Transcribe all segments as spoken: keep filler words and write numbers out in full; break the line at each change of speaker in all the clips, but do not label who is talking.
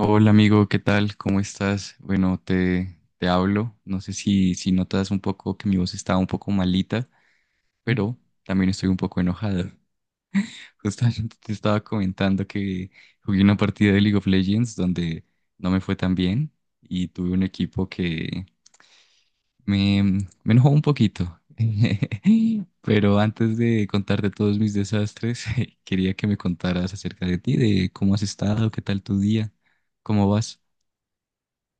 Hola amigo, ¿qué tal? ¿Cómo estás? Bueno, te, te hablo. No sé si, si notas un poco que mi voz está un poco malita, pero también estoy un poco enojado. Justamente te estaba comentando que jugué una partida de League of Legends donde no me fue tan bien y tuve un equipo que me, me enojó un poquito. Pero antes de contarte todos mis desastres, quería que me contaras acerca de ti, de cómo has estado, qué tal tu día, cómo vas.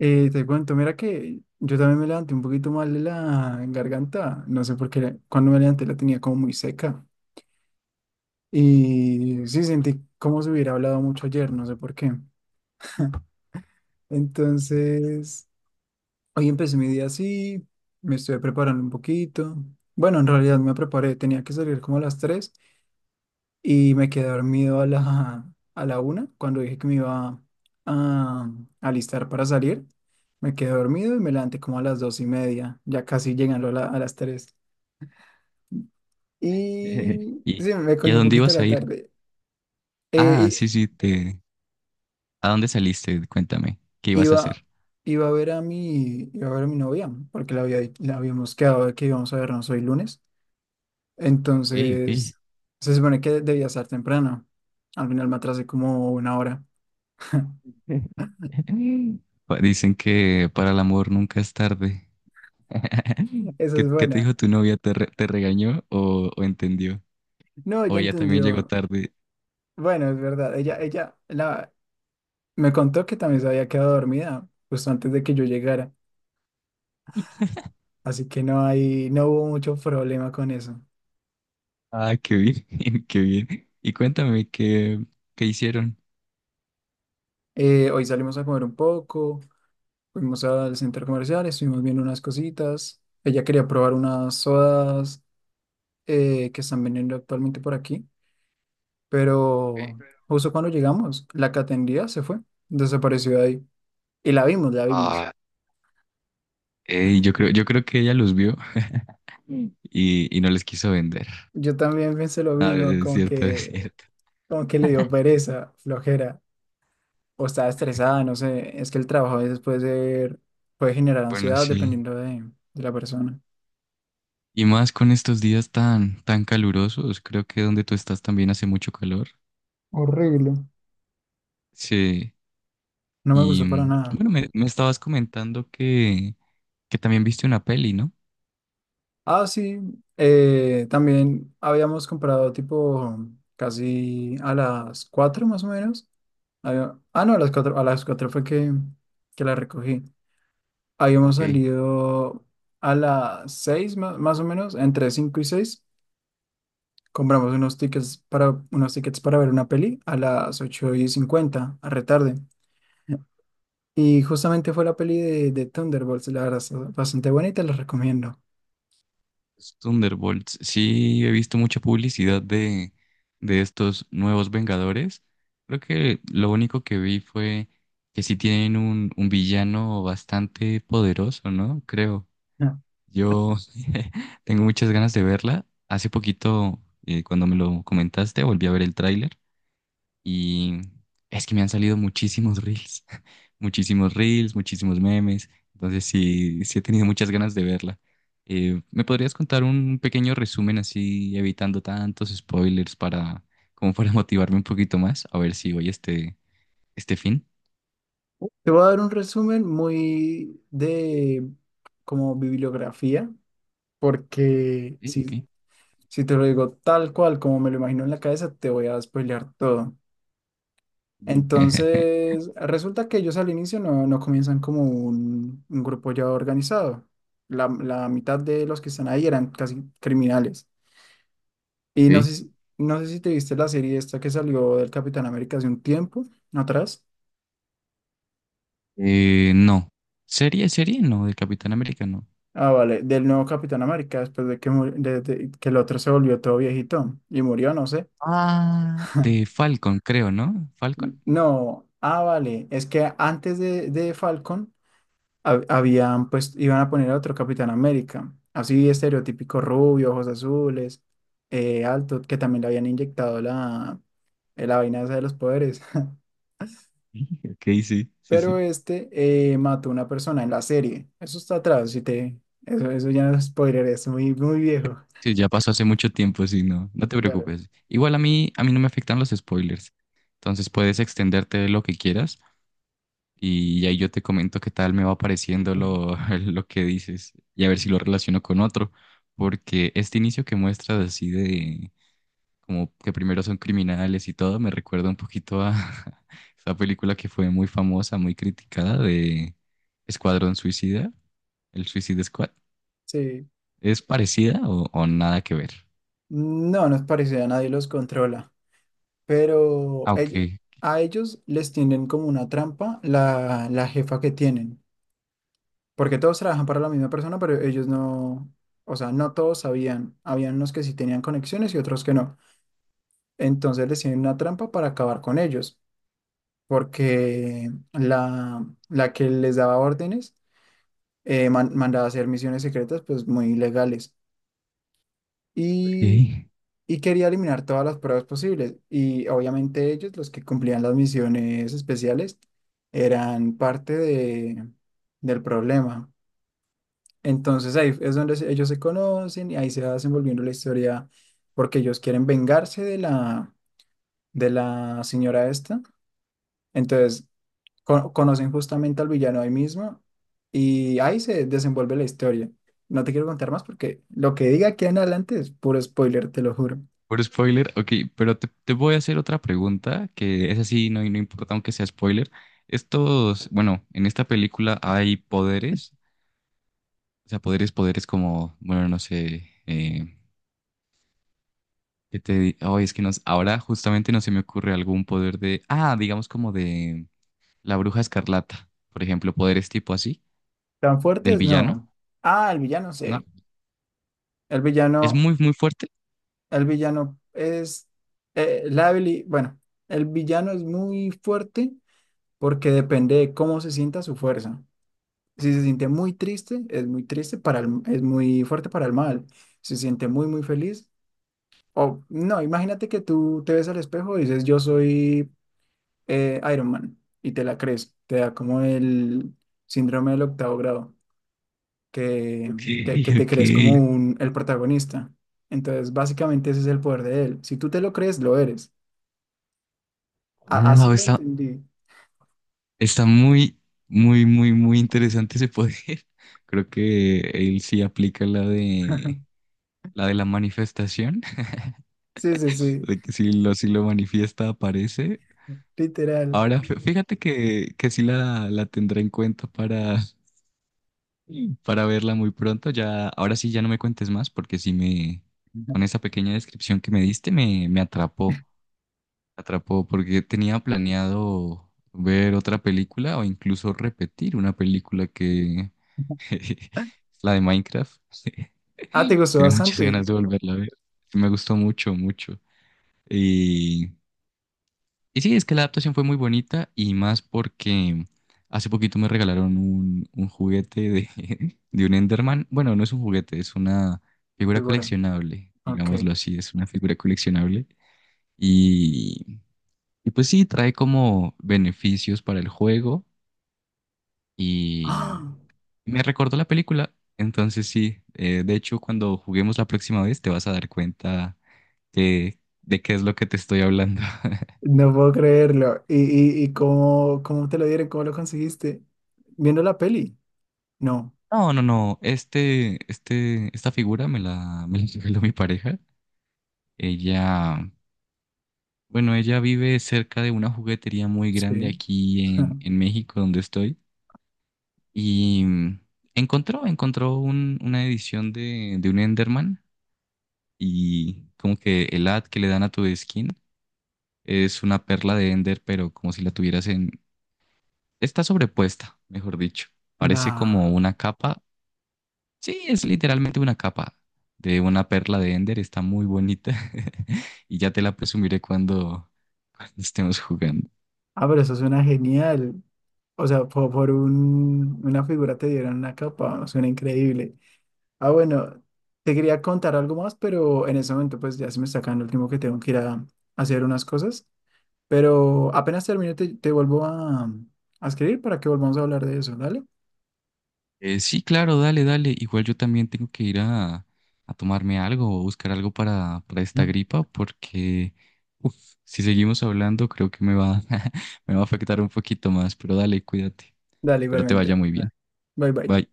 Eh, te cuento, mira que yo también me levanté un poquito mal de la garganta, no sé por qué, cuando me levanté la tenía como muy seca y sí sentí como si hubiera hablado mucho ayer, no sé por qué. Entonces, hoy empecé mi día así, me estuve preparando un poquito, bueno, en realidad me preparé, tenía que salir como a las tres. Y me quedé dormido a la, a la una, cuando dije que me iba a alistar para salir. Me quedé dormido y me levanté como a las dos y media, ya casi llegando a, la- a las tres.
Eh,
Y
¿Y,
sí, me
y
cogí
a
un
dónde
poquito
ibas
la
a ir?
tarde.
Ah,
Eh,
sí, sí, te... ¿A dónde saliste? Cuéntame, ¿qué
i-
ibas a
iba,
hacer?
iba a ver a mi, Iba a ver a mi novia, porque la, había, la habíamos quedado de que íbamos a vernos hoy lunes.
Ok, ok.
Entonces, se supone que debía estar temprano. Al final me atrasé como una hora.
Pa- Dicen que para el amor nunca es tarde.
Esa
¿Qué,
es
qué te
buena.
dijo tu novia? ¿Te, re- Te regañó o, o entendió?
No,
O
ya
ella también llegó
entendió.
tarde.
Bueno, es verdad, ella, ella la, me contó que también se había quedado dormida justo antes de que yo llegara, así que no hay, no hubo mucho problema con eso.
Ah, qué bien, qué bien. Y cuéntame qué, qué hicieron.
Eh, hoy salimos a comer un poco, fuimos al centro comercial, estuvimos viendo unas cositas. Ella quería probar unas sodas eh, que están vendiendo actualmente por aquí, pero justo cuando llegamos, la que atendía se fue, desapareció de ahí. Y la vimos, la vimos.
Ah, ey, yo creo, yo creo que ella los vio y, y no les quiso vender.
Yo también pensé lo
Ah,
mismo,
es
como
cierto, es
que,
cierto.
como que le dio pereza, flojera. O estaba estresada, no sé, es que el trabajo a veces puede ser, puede generar
Bueno,
ansiedad
sí.
dependiendo de, de la persona.
Y más con estos días tan, tan calurosos, creo que donde tú estás también hace mucho calor.
Horrible.
Sí,
No me
y
gustó para
mm,
nada.
bueno, me, me estabas comentando que, que también viste una peli, ¿no?
Ah, sí, eh, también habíamos comprado tipo casi a las cuatro más o menos. Había- ah, no, A las cuatro a las cuatro fue que, que la recogí. Habíamos
Ok.
salido a las seis más, más o menos, entre cinco y seis. Compramos unos tickets para, unos tickets para ver una peli a las ocho y cincuenta a retarde. Y justamente fue la peli de, de Thunderbolts, la verdad, es bastante buena y te la recomiendo.
Los Thunderbolts. Sí, he visto mucha publicidad de, de estos nuevos Vengadores. Creo que lo único que vi fue que sí tienen un, un villano bastante poderoso, ¿no? Creo.
Ah.
Yo tengo muchas ganas de verla. Hace poquito, eh, cuando me lo comentaste, volví a ver el tráiler y es que me han salido muchísimos reels, muchísimos reels, muchísimos memes. Entonces sí, sí he tenido muchas ganas de verla. Eh, ¿me podrías contar un pequeño resumen así, evitando tantos spoilers para, como para motivarme un poquito más? A ver si voy este, este fin.
Te voy a dar un resumen muy de como bibliografía, porque
Sí,
si,
ok.
si te lo digo tal cual como me lo imagino en la cabeza, te voy a spoilear todo.
Mm.
Entonces, resulta que ellos al inicio no, no comienzan como un, un grupo ya organizado. La, la mitad de los que están ahí eran casi criminales. Y no
Ok.
sé, si- no sé si te viste la serie esta que salió del Capitán América hace un tiempo ¿no atrás.
Eh, no. ¿Serie, serie? No, de Capitán América, no.
Ah, vale, del nuevo Capitán América, después de que, mur- de- de- que el otro se volvió todo viejito y murió, no sé.
Ah, de Falcon, creo, ¿no? ¿Falcon?
No, ah, vale, es que antes de, de Falcon hab- habían, pues, iban a poner a otro Capitán América, así estereotípico rubio, ojos azules, eh, alto, que también le habían inyectado la, eh, la vaina esa de los poderes.
Ok, sí, sí,
Pero
sí.
este eh, mató a una persona en la serie. Eso está atrás, si te... Eso, eso ya no es spoiler, es muy, muy viejo.
Sí, ya pasó hace mucho tiempo, sí, no, no te
Claro.
preocupes. Igual a mí, a mí no me afectan los spoilers. Entonces puedes extenderte lo que quieras y ahí yo te comento qué tal me va pareciendo lo, lo que dices y a ver si lo relaciono con otro. Porque este inicio que muestras así de como que primero son criminales y todo, me recuerda un poquito a esa película que fue muy famosa, muy criticada de Escuadrón Suicida, el Suicide Squad.
Sí.
¿Es parecida o, o nada que ver?
No, nos parece, a nadie los controla. Pero
Ah, ok,
ell- a ellos les tienden como una trampa la, la jefa que tienen. Porque todos trabajan para la misma persona, pero ellos no... O sea, no todos sabían. Habían unos que sí tenían conexiones y otros que no. Entonces les tienen una trampa para acabar con ellos, porque la, la que les daba órdenes eh, man- mandaba a hacer misiones secretas pues muy ilegales
ok.
y, y quería eliminar todas las pruebas posibles y obviamente ellos, los que cumplían las misiones especiales, eran parte de, del problema. Entonces ahí es donde se- ellos se conocen y ahí se va desenvolviendo la historia porque ellos quieren vengarse de la, de la señora esta. Entonces co- conocen justamente al villano ahí mismo y ahí se desenvuelve la historia. No te quiero contar más porque lo que diga aquí en adelante es puro spoiler, te lo juro.
Por spoiler, ok, pero te, te voy a hacer otra pregunta, que es así, no, no importa aunque sea spoiler. Estos, bueno, en esta película hay poderes, o sea, poderes, poderes como, bueno, no sé, eh, ¿qué te di- Ay, es que nos, ahora justamente no se me ocurre algún poder de, ah, digamos como de la Bruja Escarlata, por ejemplo, poderes tipo así,
¿Tan
del
fuertes? No.
villano,
Ah, el villano,
¿no?
sí. El
Es
villano,
muy, muy fuerte.
el villano es eh, la habili- bueno, el villano es muy fuerte porque depende de cómo se sienta su fuerza. Si se siente muy triste, es muy triste para el- es muy fuerte para el mal. Si se siente muy, muy feliz, o no, imagínate que tú te ves al espejo y dices, yo soy eh, Iron Man, y te la crees, te da como el síndrome del octavo grado, que,
Ok,
que, que te
ok.
crees como un, el protagonista. Entonces, básicamente ese es el poder de él. Si tú te lo crees, lo eres. A- así
Wow,
lo
está,
entendí.
está muy, muy, muy, muy interesante ese poder. Creo que él sí aplica la de la de la manifestación,
Sí, sí, sí,
de que si lo, si lo manifiesta aparece.
literal.
Ahora, fí- fíjate que, que sí la, la tendré en cuenta para, para verla muy pronto. Ya, ahora sí ya no me cuentes más, porque sí me, con esa pequeña descripción que me diste, me, me atrapó. Atrapó porque tenía planeado ver otra película o incluso repetir una película que la de Minecraft.
Ah, te gustó
Tiene muchas
bastante,
ganas de volverla a ver. Sí, me gustó mucho, mucho. Y, y sí, es que la adaptación fue muy bonita y más porque hace poquito me regalaron un, un juguete de, de un Enderman. Bueno, no es un juguete, es una figura
figura.
coleccionable,
Ok.
digámoslo así, es una figura coleccionable. Y y pues sí, trae como beneficios para el juego
¡Ah!
y me recordó la película. Entonces sí, eh, de hecho cuando juguemos la próxima vez te vas a dar cuenta que- de qué es lo que te estoy hablando.
No puedo creerlo. ¿Y, y, y cómo, cómo te lo dieron? ¿Cómo lo conseguiste? Viendo la peli. No,
No, no, no, este, este, esta figura me la, me la regaló mi pareja. Ella, bueno, ella vive cerca de una juguetería muy grande
sí.
aquí en, en México donde estoy y mm, encontró, encontró un- una edición de, de un Enderman y como que el ad que le dan a tu skin es una perla de Ender, pero como si la tuvieras en... Está sobrepuesta, mejor dicho. Parece como
Nada.
una capa. Sí, es literalmente una capa de una perla de Ender. Está muy bonita. Y ya te la presumiré cuando, cuando estemos jugando.
Ah, pero eso suena genial. O sea, po- por, un- una figura te dieron una capa, suena increíble. Ah, bueno, te quería contar algo más, pero en ese momento pues ya se me está acabando el tiempo que tengo que ir a, a hacer unas cosas. Pero apenas termine te, te vuelvo a, a escribir para que volvamos a hablar de eso, ¿dale?
Eh, sí, claro, dale, dale. Igual yo también tengo que ir a, a tomarme algo o buscar algo para, para esta gripa porque uf, si seguimos hablando creo que me va, me va a afectar un poquito más, pero dale, cuídate.
Dale,
Espero te vaya
igualmente.
muy bien.
Bye bye.
Bye.